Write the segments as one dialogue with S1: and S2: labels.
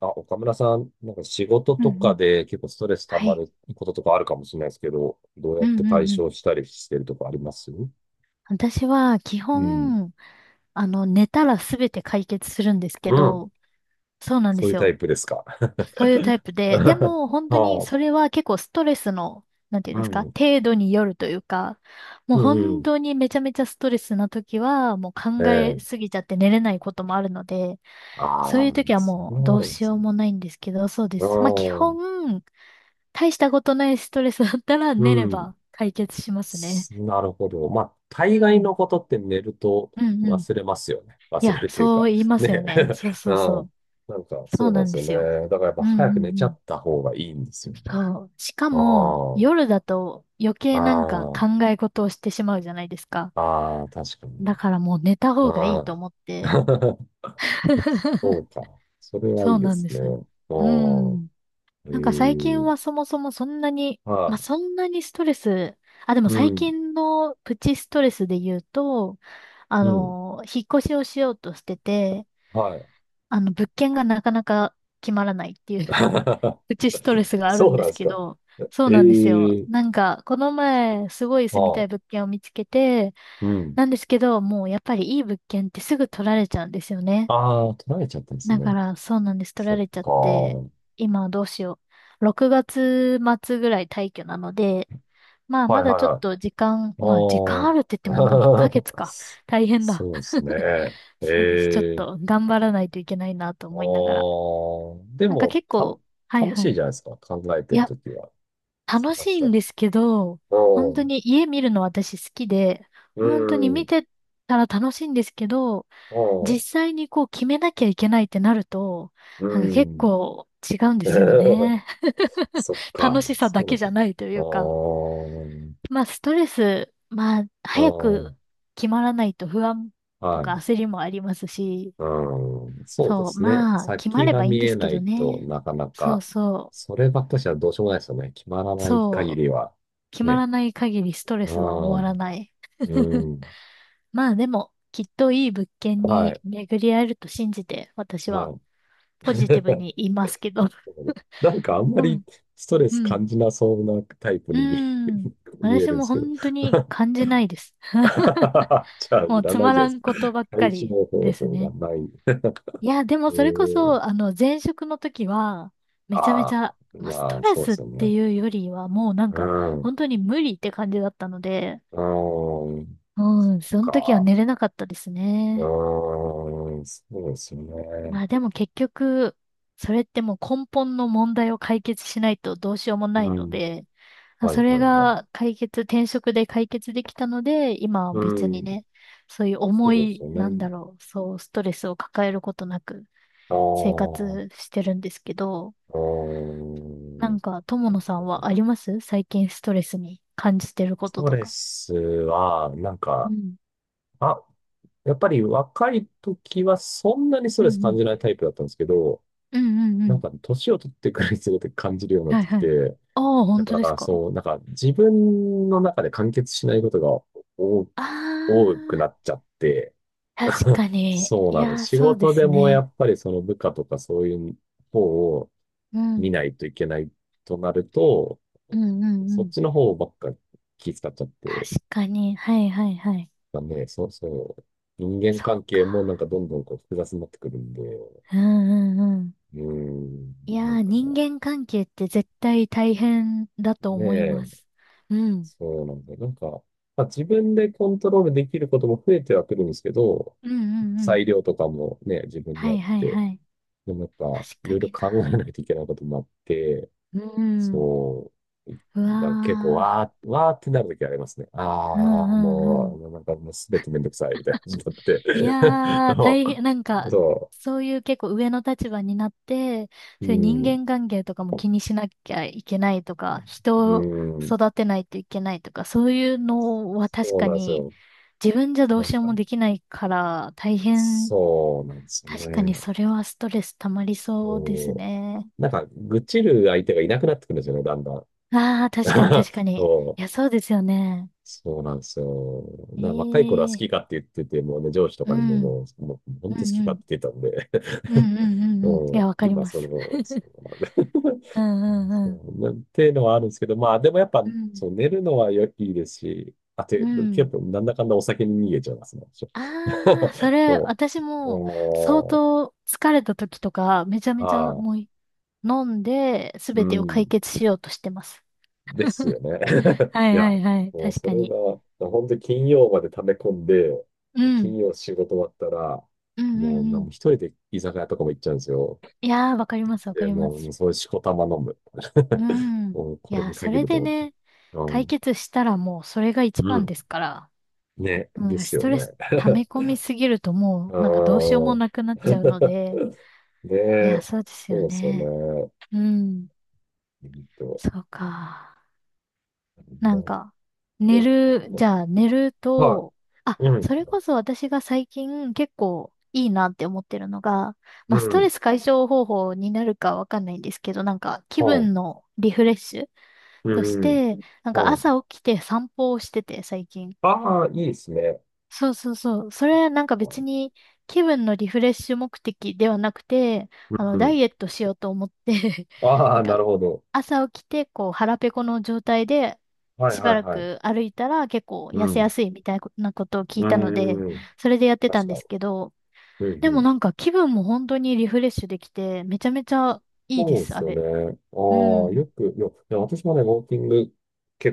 S1: あ、岡村さん、なんか仕事
S2: うんう
S1: とか
S2: ん。
S1: で結構ストレス溜
S2: は
S1: ま
S2: い。
S1: ることとかあるかもしれないですけど、どうや
S2: うん
S1: っ
S2: う
S1: て
S2: ん
S1: 解
S2: うん。
S1: 消したりしてるとかありますう
S2: 私は基
S1: ん。
S2: 本、寝たらすべて解決するんですけ
S1: うん。
S2: ど、そうなんで
S1: そうい
S2: す
S1: うタ
S2: よ。
S1: イプですか。
S2: そういうタイ プで、で
S1: あ
S2: も本当に
S1: あ、
S2: それは結構ストレスの、なんていう
S1: う
S2: んですか、
S1: ん。
S2: 程度によるというか、もう
S1: うんう
S2: 本
S1: ん。
S2: 当にめちゃめちゃストレスな時は、もう
S1: え
S2: 考え
S1: え。
S2: すぎちゃって寝れないこともあるので、そ
S1: あ
S2: う
S1: あ、
S2: いう時は
S1: それ
S2: もう
S1: は
S2: ど
S1: あ
S2: う
S1: るんで
S2: し
S1: す
S2: よう
S1: ね。
S2: もないんですけど、そうで
S1: う
S2: す。まあ基
S1: ん。
S2: 本、大したことないストレスだったら寝
S1: う
S2: れ
S1: ん。
S2: ば解決しますね。
S1: なるほど。まあ、
S2: う
S1: 大概
S2: ん。
S1: のことって寝ると
S2: うんうん。
S1: 忘れますよね。
S2: い
S1: 忘れ
S2: や、
S1: るという
S2: そ
S1: か。
S2: う言いますよ
S1: ね
S2: ね。
S1: え。
S2: そう
S1: う
S2: そうそう。
S1: ん。なんか、
S2: そ
S1: そ
S2: う
S1: うなん
S2: な
S1: で
S2: ん
S1: す
S2: で
S1: よ
S2: す
S1: ね。
S2: よ。
S1: だからやっぱ
S2: うんうん
S1: 早
S2: う
S1: く寝ちゃ
S2: ん。
S1: った方がいいんですよね。
S2: そう。しかも、
S1: あ
S2: 夜だと余
S1: あ、
S2: 計なんか
S1: あ
S2: 考え事をしてしまうじゃないですか。
S1: あ、ああ、確か
S2: だ
S1: に。
S2: からもう寝た方がい
S1: あ
S2: いと思って。
S1: あ、そ うか。それはい
S2: そう
S1: いで
S2: なん
S1: す
S2: で
S1: ね。あ
S2: す。う
S1: あ、
S2: ん。
S1: え
S2: なんか最近
S1: え、
S2: はそもそもそんなに、ま
S1: は
S2: あ、
S1: い。
S2: そんなにストレス、あ、でも
S1: う
S2: 最
S1: ん、
S2: 近のプチストレスで言うと、
S1: うん、
S2: 引っ越しをしようとしてて、
S1: はい。
S2: 物件がなかなか決まらないっていう うちストレスがある
S1: そ
S2: ん
S1: う
S2: で
S1: なんで
S2: す
S1: す
S2: け
S1: か。
S2: ど、そう
S1: え
S2: なんですよ。
S1: え、
S2: なんか、この前、すごい
S1: あ
S2: 住みたい
S1: あ、
S2: 物件を見つけて、
S1: うん。
S2: なんですけど、もうやっぱりいい物件ってすぐ取られちゃうんですよね。
S1: ああ、取られちゃったんです
S2: だ
S1: ね。
S2: から、そうなんです。取
S1: そ
S2: ら
S1: っ
S2: れちゃっ
S1: か。
S2: て、
S1: は
S2: 今どうしよう。6月末ぐらい退去なので、まあ、
S1: いは
S2: ま
S1: い
S2: だちょっ
S1: はい。
S2: と時間、
S1: あ
S2: まあ、時間あるって言ってももう1ヶ月
S1: あ。
S2: か。大変だ。
S1: そうですね。
S2: そうです。ちょっ
S1: ええ。
S2: と頑張らないといけないなと
S1: あ
S2: 思いながら。
S1: あ。で
S2: なんか
S1: も、
S2: 結構、はい
S1: 楽
S2: は
S1: しい
S2: い。
S1: じゃないですか。考えて
S2: い
S1: る
S2: や、
S1: ときは。
S2: 楽
S1: 探
S2: し
S1: し
S2: い
S1: た
S2: んで
S1: と。
S2: すけど、本当に家見るの私好きで、
S1: う
S2: 本当に
S1: ん。う
S2: 見
S1: ん。
S2: てたら楽しいんですけど、
S1: う
S2: 実
S1: ん。
S2: 際にこう決めなきゃいけないってなると、なん
S1: う
S2: か結
S1: ん。
S2: 構違うんですよ ね。
S1: そっ
S2: 楽
S1: か。
S2: しさだ
S1: そう
S2: け
S1: で
S2: じ
S1: す。
S2: ゃないとい
S1: あ
S2: うか。
S1: あ。
S2: まあストレス、まあ
S1: あ
S2: 早く
S1: あ。
S2: 決まらないと不安と
S1: は
S2: か
S1: い。
S2: 焦りもありますし、
S1: うん、そうで
S2: そう、
S1: すね。
S2: まあ決ま
S1: 先
S2: れ
S1: が
S2: ばいいん
S1: 見
S2: で
S1: え
S2: すけ
S1: な
S2: ど
S1: いと
S2: ね。
S1: なかな
S2: そう
S1: か、
S2: そ
S1: そればっかしはどうしようもないですよね。決まら
S2: う、
S1: ない限
S2: そう、
S1: りは。
S2: 決ま
S1: ね。
S2: らない限りストレ
S1: あ
S2: スは終
S1: あ、
S2: わらない。
S1: うん。
S2: まあでも、きっといい物件
S1: は
S2: に
S1: い。
S2: 巡り合えると信じて、私は
S1: はい。
S2: ポジティブ に言いますけど。
S1: なんかあんま
S2: う
S1: り
S2: ん。
S1: ストレ
S2: う
S1: ス
S2: ん。
S1: 感じなそうなタイプ
S2: う
S1: に見え、
S2: ん。
S1: 見え
S2: 私
S1: るんで
S2: も
S1: すけど。じ
S2: 本当に感じないです。
S1: ゃあ、
S2: も
S1: い
S2: う
S1: ら
S2: つ
S1: ない
S2: ま
S1: じゃ
S2: ら
S1: ないです
S2: ん
S1: か。
S2: ことばっか
S1: 解
S2: り
S1: 消方
S2: です
S1: 法が
S2: ね。
S1: ない。
S2: いや、でも
S1: え
S2: それこ
S1: ー、
S2: そ、前職の時は、めちゃめ
S1: あ
S2: ちゃ、
S1: あ、
S2: まあ、ス
S1: ま
S2: ト
S1: あ、
S2: レ
S1: そうで
S2: スっ
S1: すよ
S2: て
S1: ね。
S2: いうよりは、もうなん
S1: う
S2: か、
S1: ん。う
S2: 本当に無理って感じだったので、
S1: ん。そ
S2: う
S1: っ
S2: ん、その時は
S1: か。
S2: 寝れなかったです
S1: あ
S2: ね。
S1: あ、そうですね。
S2: まあでも結局、それってもう根本の問題を解決しないとどうしようもない
S1: う
S2: の
S1: ん。
S2: で、まあ
S1: は
S2: そ
S1: い
S2: れ
S1: はいはい。
S2: が解決、転職で解決できたので、今は
S1: う
S2: 別に
S1: ん。
S2: ね、そういう
S1: そ
S2: 重
S1: うです
S2: い、
S1: よ
S2: なん
S1: ね。
S2: だろう、そう、ストレスを抱えることなく
S1: ああ、
S2: 生
S1: うん。
S2: 活してるんですけど、なんか、友
S1: そう
S2: 野さ
S1: そ
S2: ん
S1: うそう。
S2: はあります最近ストレスに感じてるこ
S1: ス
S2: と
S1: ト
S2: と
S1: レ
S2: か。
S1: スは、なん
S2: う
S1: か、
S2: ん。
S1: あ、やっぱり若い時はそんなにスト
S2: う
S1: レス
S2: んう
S1: 感
S2: ん。
S1: じないタイプだったんですけど、
S2: うんうんう
S1: なん
S2: ん。
S1: か年を取ってくるにつれて感じるようになっ
S2: はい
S1: てき
S2: はい。
S1: て、
S2: ああ、
S1: だ
S2: 本
S1: か
S2: 当です
S1: ら
S2: か
S1: そう、なんか自分の中で完結しないことが多
S2: あ
S1: 多くな
S2: あー、
S1: っちゃって、
S2: 確 かに。
S1: そう
S2: い
S1: なの。
S2: やー、
S1: 仕
S2: そうで
S1: 事で
S2: す
S1: もや
S2: ね。
S1: っぱりその部下とかそういう方を
S2: う
S1: 見
S2: ん。
S1: ないといけないとなると、
S2: うんうんう
S1: そっ
S2: ん。
S1: ちの方ばっか気遣っちゃって、
S2: 確かに。はいはいはい。
S1: まあね、そうそう。人間
S2: そう
S1: 関
S2: か。
S1: 係もなんかどんどんこう複雑になってくるんで、う
S2: うんうんうん。
S1: ーん、
S2: いや
S1: なん
S2: ー、
S1: か
S2: 人間関係って絶対大変だと
S1: ね
S2: 思いま
S1: え、
S2: す。うん。
S1: そうなんだよ。なんか、まあ、自分でコントロールできることも増えてはくるんですけど、
S2: うんうんうん。
S1: 裁量とかもね、自分に
S2: は
S1: あっ
S2: いはい
S1: て、
S2: はい。
S1: でもやっぱ
S2: 確
S1: い
S2: か
S1: ろいろ
S2: にな。
S1: 考えないといけないこともあって、
S2: うん。
S1: そう。
S2: う
S1: なんか結構、
S2: わ
S1: わー、わーってなるときありますね。
S2: ー。う
S1: ああ、
S2: んうんう
S1: も
S2: ん。
S1: う、なんかもうすべてめんどくさいみたいな感じになって。
S2: い やー、
S1: そ
S2: 大変、なん
S1: う
S2: か、
S1: そ
S2: そういう結構上の立場になって、
S1: う。う
S2: そういう人
S1: ん。
S2: 間関係とかも気にしなきゃいけないとか、
S1: う
S2: 人を
S1: ん。
S2: 育てないといけないとか、そういうのは確
S1: そう
S2: か
S1: なんです
S2: に
S1: よ。
S2: 自分じゃど
S1: な
S2: う
S1: ん
S2: しよう
S1: か、
S2: もできないから大変、
S1: そうなんですよ
S2: 確かに
S1: ね。
S2: それはストレス溜まりそうです
S1: そ
S2: ね。
S1: う。なんか、愚痴る相手がいなくなってくるんですよね、だんだん。
S2: ああ、確かに 確かに。
S1: そ
S2: い
S1: う。
S2: や、そうですよね。
S1: そうなんですよ。
S2: え
S1: 若い頃は好
S2: えー、
S1: きかって言ってて、もうね、上司と
S2: う
S1: かにも
S2: ん、
S1: もう、もう
S2: う
S1: 本当好
S2: ん
S1: き
S2: う
S1: かっ
S2: ん、
S1: て言ってたんで。
S2: うんうんう んうん。い
S1: う
S2: や、
S1: ん
S2: わかり
S1: 今、
S2: ま
S1: そ
S2: す。
S1: の、そ うなんだ。
S2: うん うんう
S1: そ
S2: ん。
S1: うなっていうのはあるんですけど、まあ、でもやっぱ、
S2: うん
S1: そう、寝るのはいいですし、あと、
S2: うん。
S1: 結構、なんだかんだお酒に逃げちゃいますね。
S2: あ
S1: ょ
S2: あ、そ れ、
S1: そ
S2: 私
S1: う
S2: も相
S1: おー、
S2: 当疲れた時とか、めちゃめ
S1: あ
S2: ちゃ
S1: あ、
S2: もう飲んで、す
S1: う
S2: べてを解
S1: ん、
S2: 決しようとしてます。
S1: です よね。
S2: は
S1: い
S2: い
S1: や、
S2: はいはい、
S1: もう
S2: 確
S1: そ
S2: か
S1: れ
S2: に。
S1: が、本当に金曜まで溜め込んで、
S2: う
S1: 金
S2: ん。
S1: 曜仕事終わったら、
S2: うんう
S1: もう、な
S2: んう
S1: んも
S2: ん。
S1: 一人で居酒屋とかも行っちゃうんですよ。
S2: いやー、わかりますわか
S1: で、
S2: りま
S1: もう、もう
S2: す。
S1: そういうしこたま飲む。
S2: う ん。
S1: もう、
S2: い
S1: これ
S2: やー、
S1: に
S2: そ
S1: 限
S2: れ
S1: ると
S2: で
S1: 思って。
S2: ね、
S1: う
S2: 解
S1: ん。
S2: 決したらもうそれが一
S1: う
S2: 番
S1: ん。
S2: ですから、
S1: ね、
S2: もうなん
S1: で
S2: か
S1: す
S2: ス
S1: よ
S2: トレ
S1: ね。
S2: ス溜め込 みすぎるともうなんかどうしよう
S1: う
S2: も
S1: ん。
S2: なくなっちゃうので、いやー、
S1: で、
S2: そうです
S1: そう
S2: よ
S1: ですよ
S2: ね。
S1: ね。
S2: うん。
S1: うんと、
S2: そうか。な
S1: ま
S2: んか、寝
S1: ね、
S2: る、
S1: ま
S2: じゃあ寝る
S1: は
S2: と、あ、
S1: い。うん。
S2: それこそ私が最近結構いいなって思ってるのが、
S1: う
S2: まあストレ
S1: ん。
S2: ス解消方法になるかわかんないんですけど、なんか気
S1: は
S2: 分のリフレッシュ
S1: い。
S2: とし
S1: うん。
S2: て、なんか
S1: はい。
S2: 朝起きて散歩をしてて最近。
S1: ああ、いいですね。
S2: そうそうそう。それなんか別に気分のリフレッシュ目的ではなくて、
S1: う
S2: ダ
S1: ん。
S2: イエットしようと思って
S1: あ
S2: な
S1: あ、
S2: ん
S1: な
S2: か
S1: るほど。
S2: 朝起きて、こう、腹ペコの状態で、
S1: はい
S2: しば
S1: はい
S2: ら
S1: はい。
S2: く歩いたら結構
S1: う
S2: 痩せ
S1: ん。
S2: やすいみたいなことを聞いたので、
S1: うん。
S2: それでやってた
S1: 確
S2: ん
S1: か
S2: ですけど、
S1: に。
S2: で
S1: う
S2: も
S1: ん。
S2: なんか気分も本当にリフレッシュできて、めちゃめちゃいいで
S1: そうで
S2: す、あ
S1: すよね。
S2: れ。う
S1: ああ、
S2: ん。
S1: よく、よ、いや私もね、ウォーキング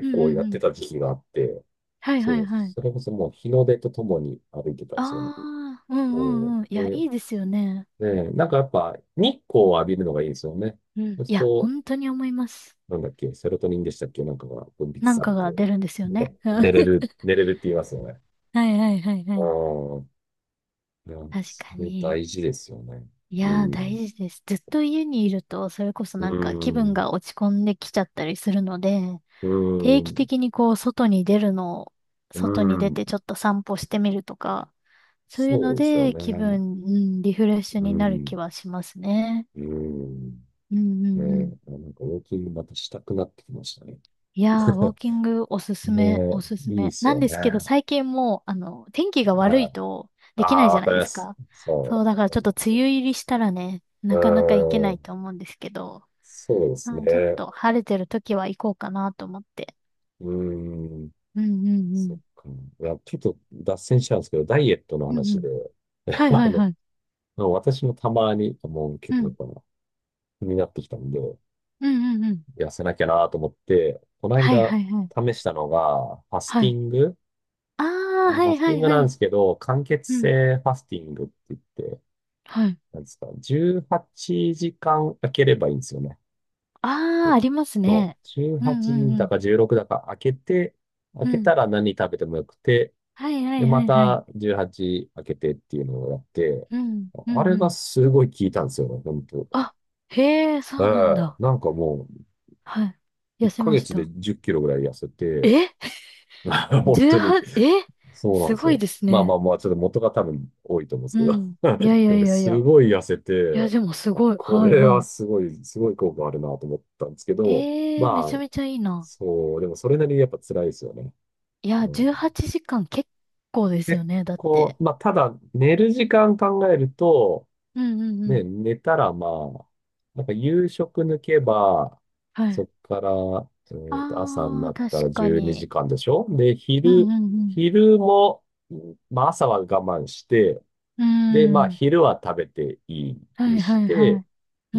S2: うん
S1: 構
S2: う
S1: や
S2: ん
S1: っ
S2: う
S1: て
S2: ん。
S1: た時期があって、
S2: はいは
S1: そ
S2: い
S1: う、
S2: はい。
S1: それこそもう日の出とともに歩いてたんで
S2: あ
S1: すよね。
S2: あ、うん
S1: お
S2: うんうん。いや、
S1: で、
S2: いいですよね。
S1: ね、なんかやっぱ日光を浴びるのがいいですよね。
S2: う
S1: そ
S2: ん。
S1: うす
S2: い
S1: る
S2: や、
S1: と、
S2: 本当に思います。
S1: なんだっけ、セロトニンでしたっけ、なんかが分泌
S2: なん
S1: され
S2: かが
S1: て、
S2: 出るんですよね。
S1: ね、寝れるって言いますよね。
S2: はいはいはいは
S1: あ
S2: い。
S1: あ、いや、
S2: 確
S1: そ
S2: か
S1: れ
S2: に。
S1: 大事ですよね。
S2: い
S1: う
S2: やー、
S1: ん、
S2: 大事です。ずっと家にいると、それこそ
S1: う
S2: なんか気分
S1: ん、
S2: が落ち込んできちゃったりするので、
S1: う
S2: 定期
S1: ん、
S2: 的にこう、外に出るのを、
S1: う
S2: 外に出てち
S1: ん、
S2: ょっと散歩してみるとか、そういう
S1: そ
S2: の
S1: うですよ
S2: で気
S1: ね。
S2: 分、うん、リフレッシュ
S1: う
S2: になる気
S1: ん。
S2: はしますね。
S1: うん。
S2: うんう
S1: ね
S2: んうん。
S1: え、なんかウォーキングまたしたくなってきましたね。
S2: いやー、ウォー キングおすす
S1: ね
S2: め、おすす
S1: え、いいで
S2: め。
S1: す
S2: なん
S1: よ
S2: で
S1: ね。
S2: すけど、最近もう、天気が悪
S1: あ
S2: いとできな
S1: あ、
S2: いじゃ
S1: わ
S2: な
S1: か
S2: い
S1: り
S2: で
S1: ま
S2: す
S1: す。
S2: か。そ
S1: そ
S2: う、
S1: う、
S2: だから
S1: そ
S2: ちょ
S1: う
S2: っと
S1: なんで
S2: 梅
S1: すよ。
S2: 雨入りしたらね、
S1: う
S2: なかなか行けな
S1: ー
S2: い
S1: ん、
S2: と思うんですけど、
S1: そうです
S2: うちょっ
S1: ね。
S2: と晴れてる時は行こうかなと思って。
S1: うーん、
S2: うんうんう
S1: そっ
S2: ん。
S1: か。いや、ちょっと脱線しちゃうんですけど、ダイエットの
S2: うんう
S1: 話
S2: ん。
S1: で、
S2: は い
S1: あ
S2: はい
S1: の、
S2: はい。
S1: 私もたまに、もう結
S2: う
S1: 構や
S2: ん。
S1: っぱ気になってきたんで、
S2: うんうんうん。
S1: 痩せなきゃなと思って、この
S2: はい
S1: 間
S2: はいはい。
S1: 試したのが、ファス
S2: は
S1: ティ
S2: い。
S1: ング、
S2: ああ、
S1: あの
S2: は
S1: ファ
S2: い
S1: ステ
S2: は
S1: ィン
S2: い
S1: グ
S2: は
S1: なんで
S2: い。
S1: すけど、間欠
S2: うん。
S1: 性ファスティングって言って、
S2: はい。
S1: なんですか、18時間空ければいいんですよね。
S2: ああ、あります
S1: そう。
S2: ね。
S1: 18
S2: うんう
S1: 時
S2: んう
S1: だ
S2: ん。
S1: か16だか開けて、開
S2: う
S1: け
S2: ん。
S1: たら何食べてもよくて、
S2: はいは
S1: で、
S2: いは
S1: ま
S2: いはい。
S1: た18開けてっていうのをやって、
S2: うん。う
S1: あ
S2: ん
S1: れ
S2: う
S1: が
S2: ん。
S1: すごい効いたんですよね、本当。
S2: あ、へえ、
S1: え
S2: そうなん
S1: え、
S2: だ。
S1: なんかもう、
S2: はい。痩
S1: 1
S2: せま
S1: ヶ
S2: し
S1: 月で
S2: た。
S1: 10キロぐらい痩せて、
S2: え
S1: 本当に、
S2: ?18、え
S1: そうなん
S2: す
S1: です
S2: ごい
S1: よ。
S2: です
S1: まあまあ
S2: ね。
S1: まあ、ちょっと元が多分多いと思うんですけ
S2: う
S1: ど。
S2: ん。いやい
S1: で、
S2: やい
S1: 俺
S2: やい
S1: す
S2: や。
S1: ごい痩せ
S2: いや、
S1: て、
S2: でもす
S1: あ、
S2: ごい。
S1: こ
S2: はい
S1: れ
S2: は
S1: は
S2: い。
S1: すごい効果あるなと思ったんですけど、
S2: ええ、め
S1: ま
S2: ちゃ
S1: あ、
S2: めちゃいいな。
S1: そう、でもそれなりにやっぱ辛いですよね。
S2: いや、
S1: うん、
S2: 18時間結構ですよ
S1: 結
S2: ね、だっ
S1: 構、
S2: て。
S1: まあ、ただ、寝る時間考えると、
S2: うんうんうん。
S1: ね、寝たらまあ、なんか夕食抜けば、
S2: は
S1: そ
S2: い。
S1: っから、朝に
S2: あ
S1: な
S2: あ、
S1: ったら
S2: 確か
S1: 12時
S2: に。
S1: 間でしょで、
S2: うんうん
S1: 昼も、まあ朝は我慢して、
S2: う
S1: で、ま
S2: ん。うー
S1: あ、
S2: ん。
S1: 昼は食べていい
S2: は
S1: に
S2: い
S1: し
S2: はいは
S1: て、
S2: い。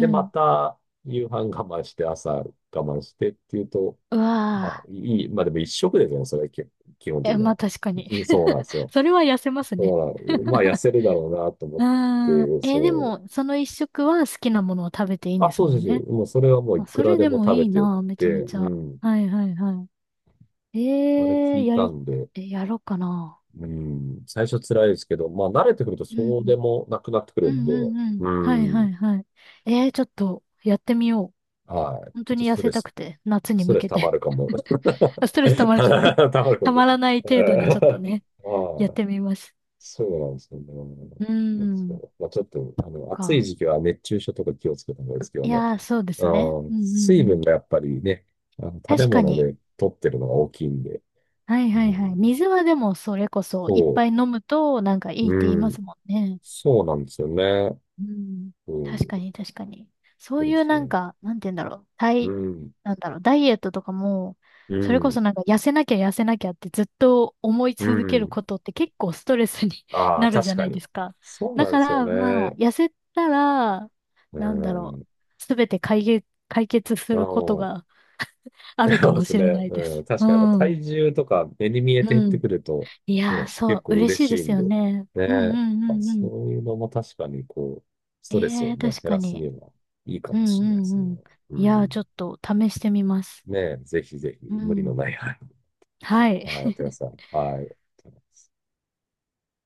S2: う
S1: ま
S2: ん。
S1: た夕飯我慢して、朝我慢してっていうと、
S2: う
S1: まあ、
S2: わ
S1: いい、まあでも一食ですよね、それ、基本
S2: ー。
S1: 的
S2: え、
S1: に
S2: まあ
S1: は。
S2: 確かに。
S1: うんそうなんで すよ。
S2: それは痩せま
S1: だ
S2: す
S1: か
S2: ね。
S1: ら、まあ、痩 せるだろうなと思っ
S2: うーん。
S1: て、
S2: えーで
S1: そ
S2: も、その一食は好きなものを食べていいん
S1: う。あ、
S2: です
S1: そう
S2: も
S1: そう
S2: ん
S1: そ
S2: ね。
S1: う。もう、それはもうい
S2: あ、
S1: く
S2: そ
S1: ら
S2: れ
S1: で
S2: で
S1: も
S2: も
S1: 食
S2: い
S1: べ
S2: い
S1: てよく
S2: な、め
S1: て、
S2: ちゃめち
S1: う
S2: ゃ。
S1: ん。
S2: はいはいはい。
S1: あれ聞
S2: えー、
S1: い
S2: や
S1: た
S2: り、
S1: んで、
S2: えやろうかな。
S1: うん。最初辛いですけど、まあ、慣れてくると
S2: う
S1: そうで
S2: ん。
S1: もなくなってく
S2: う
S1: るん
S2: ん
S1: で、
S2: うんうん。
S1: う
S2: はいは
S1: ん。
S2: いはい。えー、ちょっとやってみよう。
S1: はい。
S2: 本
S1: ちょ
S2: 当
S1: っと
S2: に痩せたくて、夏
S1: ス
S2: に
S1: ト
S2: 向
S1: レス
S2: け
S1: 溜ま
S2: て。
S1: るかも。
S2: ストレスたまらない、
S1: 溜まる か
S2: た
S1: も。
S2: まらない
S1: え
S2: 程度にちょっとね、やっ
S1: ああ、
S2: てみます。
S1: そうなんですよね。
S2: うー
S1: そ
S2: ん、
S1: う。まあ、ちょっと、あの、暑い
S2: か。
S1: 時期は熱中症とか気をつけた方がいいですけど
S2: い
S1: ね。
S2: やー、そうで
S1: う
S2: すね。う
S1: ん、
S2: んう
S1: 水
S2: んう
S1: 分
S2: ん。
S1: がやっぱりね、あの、食べ
S2: 確か
S1: 物
S2: に。
S1: で取ってるのが大きいんで。
S2: はい
S1: う
S2: はいはい。
S1: ん、
S2: 水はでもそれこそいっ
S1: そう、
S2: ぱい飲むとなんかいいって言い
S1: う
S2: ま
S1: ん、
S2: すもんね。
S1: そうなんですよね。
S2: うん。
S1: う
S2: 確
S1: ん、
S2: かに、確かに。そ
S1: そ
S2: う
S1: う
S2: い
S1: で
S2: う
S1: す
S2: な
S1: よ
S2: ん
S1: ね。
S2: か、なんて言うんだろう。
S1: う
S2: 体、
S1: ん、
S2: なんだろう。ダイエットとかも、
S1: う
S2: それこ
S1: ん、
S2: そなんか痩せなきゃ痩せなきゃってずっと思い
S1: う
S2: 続ける
S1: ん。
S2: ことって結構ストレスに
S1: ああ、
S2: なるじ
S1: 確
S2: ゃな
S1: か
S2: いで
S1: に。
S2: すか。
S1: そう
S2: だ
S1: なんで
S2: か
S1: すよ
S2: ら、まあ、
S1: ね。
S2: 痩せたら、
S1: う
S2: なんだろ
S1: ん、
S2: う。すべて解決す
S1: う
S2: ること
S1: ん
S2: があるか
S1: そうで
S2: も
S1: す
S2: し
S1: ね。
S2: れないで
S1: うん。
S2: す。う
S1: 確かにやっぱ
S2: ん。
S1: 体重とか目に見えて減っ
S2: う
S1: て
S2: ん。
S1: くると、
S2: いやー、
S1: ね、
S2: そ
S1: 結
S2: う、
S1: 構
S2: 嬉し
S1: 嬉
S2: いで
S1: しい
S2: す
S1: ん
S2: よ
S1: で。
S2: ね。うんう
S1: ね。
S2: んう
S1: あ、
S2: んう
S1: そ
S2: ん。
S1: ういうのも確かにこう、ス
S2: え
S1: トレス
S2: え
S1: を
S2: ー、
S1: ね、
S2: 確
S1: 減
S2: か
S1: らすに
S2: に。
S1: はいいか
S2: う
S1: も
S2: ん
S1: し
S2: う
S1: れないで
S2: ん
S1: す
S2: うん。
S1: ね。う
S2: いやー、ちょ
S1: ん。
S2: っと試してみます。
S1: ね、ぜひぜひ
S2: う
S1: 無理の
S2: ん。
S1: ない範
S2: はい。
S1: 囲、はい、やってください。はい。